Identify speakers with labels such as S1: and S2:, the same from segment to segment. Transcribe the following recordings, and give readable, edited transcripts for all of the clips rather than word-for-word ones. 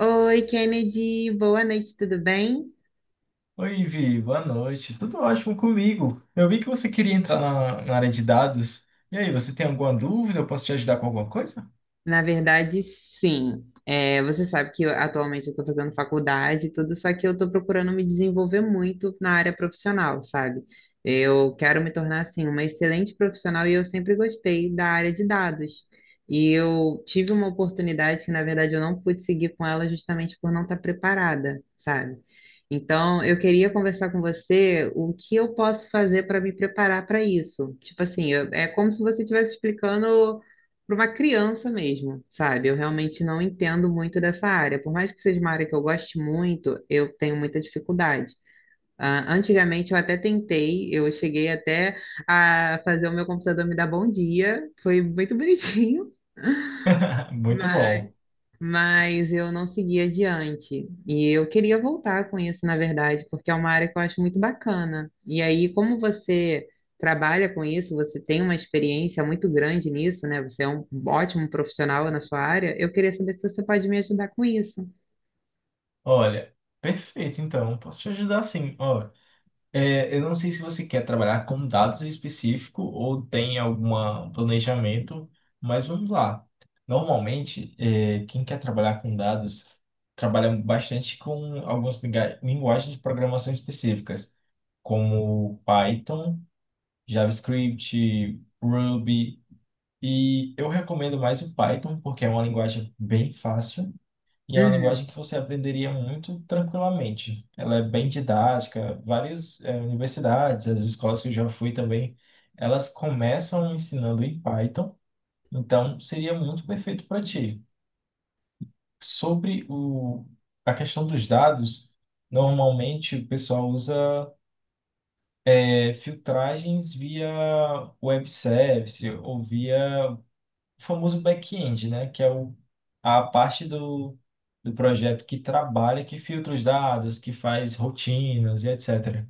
S1: Oi, Kennedy, boa noite, tudo bem?
S2: Oi, Vi, boa noite. Tudo ótimo comigo. Eu vi que você queria entrar na área de dados. E aí, você tem alguma dúvida? Eu posso te ajudar com alguma coisa?
S1: Na verdade, sim. Você sabe que atualmente eu estou fazendo faculdade e tudo, só que eu estou procurando me desenvolver muito na área profissional, sabe? Eu quero me tornar, assim, uma excelente profissional e eu sempre gostei da área de dados. E eu tive uma oportunidade que, na verdade, eu não pude seguir com ela justamente por não estar preparada, sabe? Então, eu queria conversar com você o que eu posso fazer para me preparar para isso. Tipo assim, é como se você estivesse explicando para uma criança mesmo, sabe? Eu realmente não entendo muito dessa área. Por mais que seja uma área que eu goste muito, eu tenho muita dificuldade. Ah, antigamente eu até tentei, eu cheguei até a fazer o meu computador me dar bom dia, foi muito bonitinho,
S2: Muito bom.
S1: mas eu não segui adiante. E eu queria voltar com isso, na verdade, porque é uma área que eu acho muito bacana. E aí, como você trabalha com isso, você tem uma experiência muito grande nisso, né? Você é um ótimo profissional na sua área. Eu queria saber se você pode me ajudar com isso.
S2: Olha, perfeito, então. Posso te ajudar sim. Ó, eu não sei se você quer trabalhar com dados específico ou tem algum planejamento, mas vamos lá. Normalmente, quem quer trabalhar com dados trabalha bastante com algumas linguagens de programação específicas, como Python. JavaScript, Ruby. E eu recomendo mais o Python, porque é uma linguagem bem fácil e é uma
S1: Uhum.
S2: linguagem que você aprenderia muito tranquilamente. Ela é bem didática, várias universidades, as escolas que eu já fui também, elas começam ensinando em Python, então seria muito perfeito para ti. Sobre a questão dos dados, normalmente o pessoal usa filtragens via web service ou via o famoso back-end, né? Que é a parte do projeto que trabalha, que filtra os dados, que faz rotinas e etc.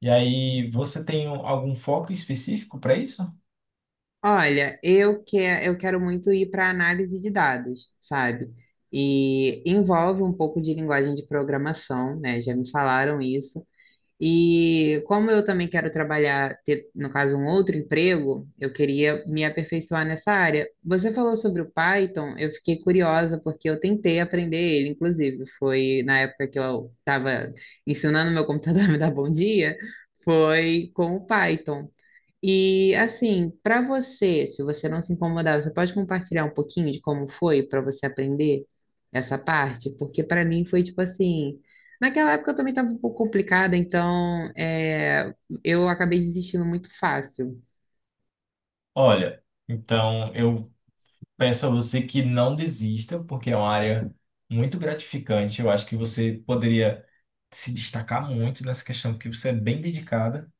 S2: E aí, você tem algum foco específico para isso?
S1: Olha, eu quero muito ir para análise de dados, sabe? E envolve um pouco de linguagem de programação, né? Já me falaram isso. E como eu também quero trabalhar, ter, no caso, um outro emprego, eu queria me aperfeiçoar nessa área. Você falou sobre o Python, eu fiquei curiosa porque eu tentei aprender ele, inclusive, foi na época que eu estava ensinando meu computador a me dar bom dia, foi com o Python. E assim, para você, se você não se incomodar, você pode compartilhar um pouquinho de como foi para você aprender essa parte? Porque para mim foi tipo assim, naquela época eu também estava um pouco complicada, então eu acabei desistindo muito fácil.
S2: Olha, então eu peço a você que não desista, porque é uma área muito gratificante. Eu acho que você poderia se destacar muito nessa questão, porque você é bem dedicada.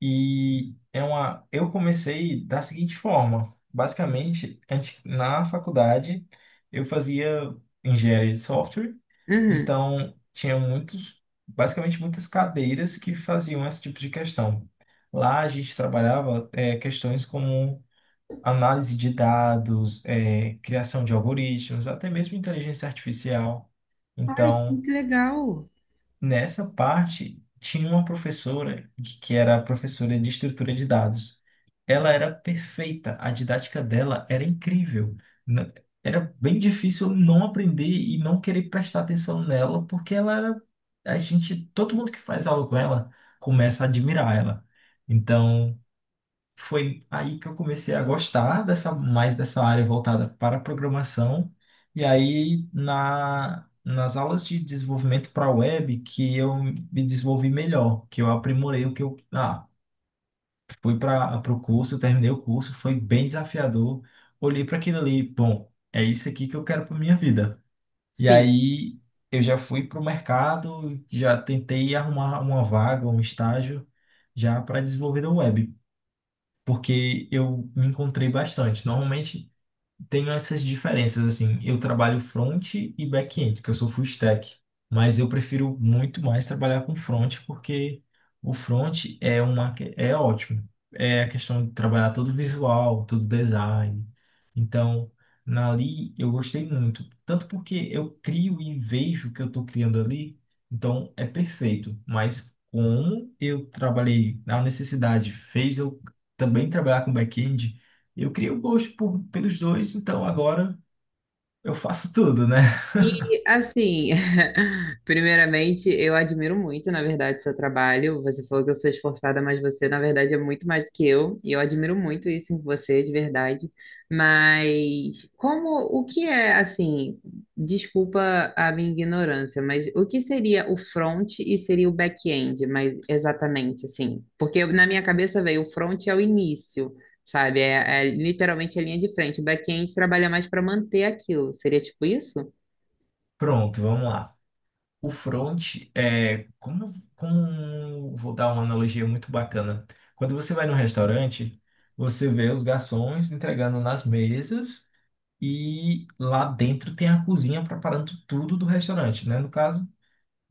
S2: E é uma. Eu comecei da seguinte forma: basicamente, antes, na faculdade, eu fazia engenharia de software,
S1: Uhum.
S2: então tinha muitos, basicamente, muitas cadeiras que faziam esse tipo de questão. Lá a gente trabalhava questões como análise de dados, criação de algoritmos, até mesmo inteligência artificial.
S1: Olha que
S2: Então,
S1: legal.
S2: nessa parte, tinha uma professora que era professora de estrutura de dados. Ela era perfeita, a didática dela era incrível. N- Era bem difícil não aprender e não querer prestar atenção nela, porque ela era a gente, todo mundo que faz aula com ela começa a admirar ela. Então, foi aí que eu comecei a gostar dessa mais dessa área voltada para a programação. E aí na nas aulas de desenvolvimento para web que eu me desenvolvi melhor, que eu aprimorei o que eu fui para o curso, terminei o curso, foi bem desafiador. Olhei para aquilo ali, bom, é isso aqui que eu quero para minha vida. E
S1: Sim.
S2: aí eu já fui para o mercado, já tentei arrumar uma vaga, um estágio já para desenvolvedor web porque eu me encontrei bastante. Normalmente, tenho essas diferenças, assim, eu trabalho front e back-end, porque eu sou full stack, mas eu prefiro muito mais trabalhar com front, porque o front é uma, é ótimo, é a questão de trabalhar todo visual, todo design, então, na ali eu gostei muito, tanto porque eu crio e vejo o que eu estou criando ali, então é perfeito, mas como eu trabalhei, a necessidade fez eu também trabalhar com back-end, e eu criei o gosto pelos dois, então agora eu faço tudo, né?
S1: E assim, primeiramente, eu admiro muito, na verdade, seu trabalho. Você falou que eu sou esforçada, mas você, na verdade, é muito mais que eu. E eu admiro muito isso em você, de verdade. Mas o que é, assim, desculpa a minha ignorância, mas o que seria o front e seria o back-end, mas exatamente assim? Porque na minha cabeça veio o front é o início. Sabe, é literalmente a linha de frente. O back-end trabalha mais para manter aquilo. Seria tipo isso?
S2: Pronto, vamos lá. O front é como, como vou dar uma analogia muito bacana. Quando você vai num restaurante, você vê os garçons entregando nas mesas e lá dentro tem a cozinha preparando tudo do restaurante, né? No caso,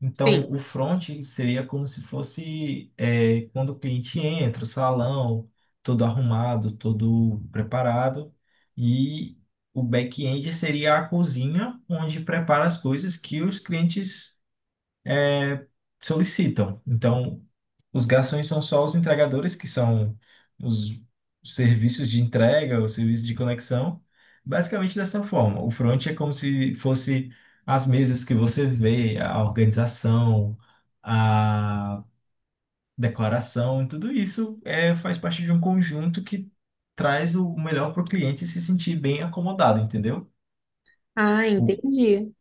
S2: então,
S1: Sim.
S2: o front seria como se fosse quando o cliente entra, o salão, todo arrumado, todo preparado. E o back-end seria a cozinha, onde prepara as coisas que os clientes é, solicitam. Então, os garçons são só os entregadores, que são os serviços de entrega, os serviços de conexão, basicamente dessa forma. O front é como se fosse as mesas que você vê, a organização, a decoração, tudo isso faz parte de um conjunto que traz o melhor para o cliente se sentir bem acomodado, entendeu?
S1: Ah,
S2: O,
S1: entendi.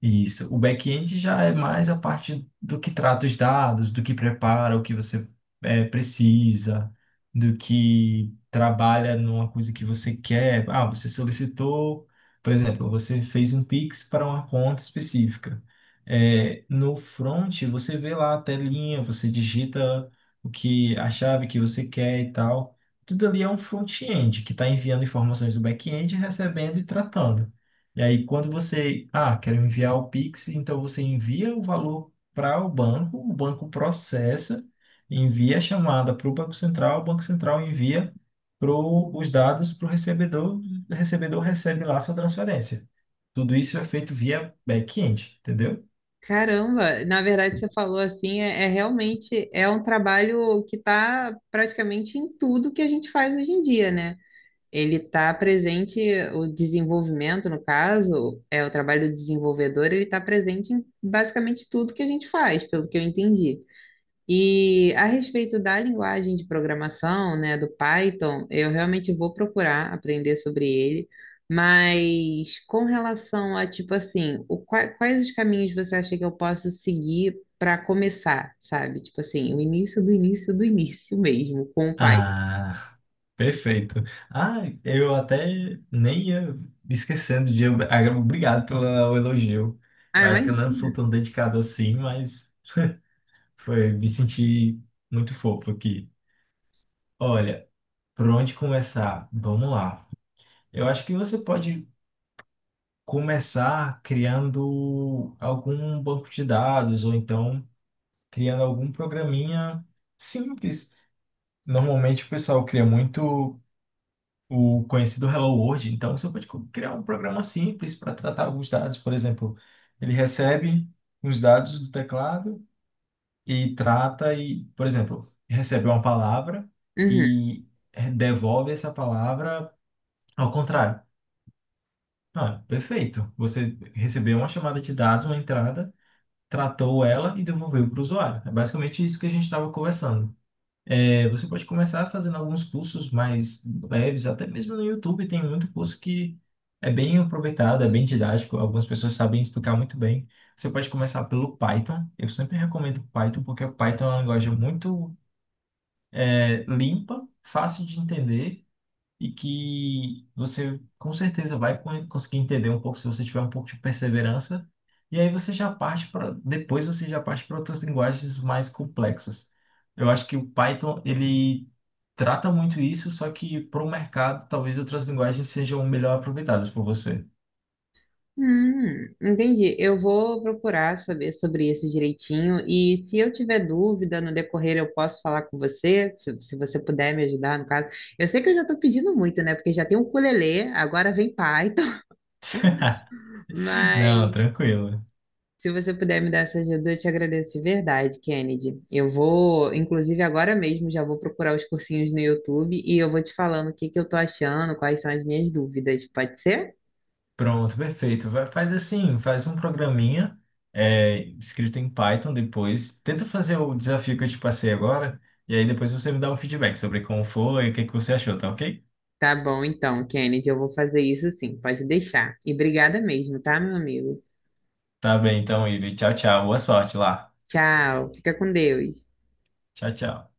S2: Isso. O back-end já é mais a parte do que trata os dados, do que prepara, o que você precisa, do que trabalha numa coisa que você quer. Ah, você solicitou, por exemplo, você fez um Pix para uma conta específica. No front, você vê lá a telinha, você digita o que a chave que você quer e tal. Tudo ali é um front-end que está enviando informações do back-end, recebendo e tratando. E aí, quando você, ah, quero enviar o Pix, então você envia o valor para o banco processa, envia a chamada para o Banco Central envia pro, os dados para o recebedor recebe lá a sua transferência. Tudo isso é feito via back-end, entendeu?
S1: Caramba, na verdade você falou assim, é realmente é um trabalho que está praticamente em tudo que a gente faz hoje em dia, né? Ele está presente, o desenvolvimento, no caso, é o trabalho do desenvolvedor, ele está presente em basicamente tudo que a gente faz, pelo que eu entendi. E a respeito da linguagem de programação, né, do Python, eu realmente vou procurar aprender sobre ele, mas com relação a, tipo assim, quais os caminhos você acha que eu posso seguir para começar, sabe? Tipo assim, o início do início do início mesmo, com o Python.
S2: Ah, perfeito. Ah, eu até nem ia esquecendo de. Agora, obrigado pelo elogio.
S1: Ah,
S2: Eu acho que eu não sou
S1: imagina.
S2: tão dedicado assim, mas. Foi, me senti muito fofo aqui. Olha, por onde começar? Vamos lá. Eu acho que você pode começar criando algum banco de dados ou então criando algum programinha simples. Normalmente o pessoal cria muito o conhecido Hello World, então você pode criar um programa simples para tratar alguns dados. Por exemplo, ele recebe os dados do teclado e trata e, por exemplo, recebe uma palavra
S1: Uhum.
S2: e devolve essa palavra ao contrário. Ah, perfeito. Você recebeu uma chamada de dados, uma entrada, tratou ela e devolveu para o usuário. É basicamente isso que a gente estava conversando. É, você pode começar fazendo alguns cursos mais leves, até mesmo no YouTube tem muito curso que é bem aproveitado, é bem didático, algumas pessoas sabem explicar muito bem. Você pode começar pelo Python. Eu sempre recomendo Python porque o Python é uma linguagem muito é limpa, fácil de entender e que você com certeza vai conseguir entender um pouco se você tiver um pouco de perseverança. E aí você já parte para depois você já parte para outras linguagens mais complexas. Eu acho que o Python ele trata muito isso, só que para o mercado talvez outras linguagens sejam melhor aproveitadas por você.
S1: Entendi. Eu vou procurar saber sobre isso direitinho. E se eu tiver dúvida no decorrer, eu posso falar com você, se você puder me ajudar, no caso. Eu sei que eu já estou pedindo muito, né? Porque já tem o ukulele, agora vem Python.
S2: Não,
S1: Mas
S2: tranquilo.
S1: se você puder me dar essa ajuda, eu te agradeço de verdade, Kennedy. Eu vou, inclusive agora mesmo, já vou procurar os cursinhos no YouTube e eu vou te falando o que que eu tô achando, quais são as minhas dúvidas. Pode ser?
S2: Pronto, perfeito. Faz assim, faz um programinha escrito em Python depois. Tenta fazer o desafio que eu te passei agora. E aí depois você me dá um feedback sobre como foi, o que que você achou, tá ok?
S1: Tá bom, então, Kennedy, eu vou fazer isso sim, pode deixar. E obrigada mesmo, tá, meu amigo?
S2: Tá bem, então, Ivi. Tchau, tchau. Boa sorte lá.
S1: Tchau, fica com Deus.
S2: Tchau, tchau.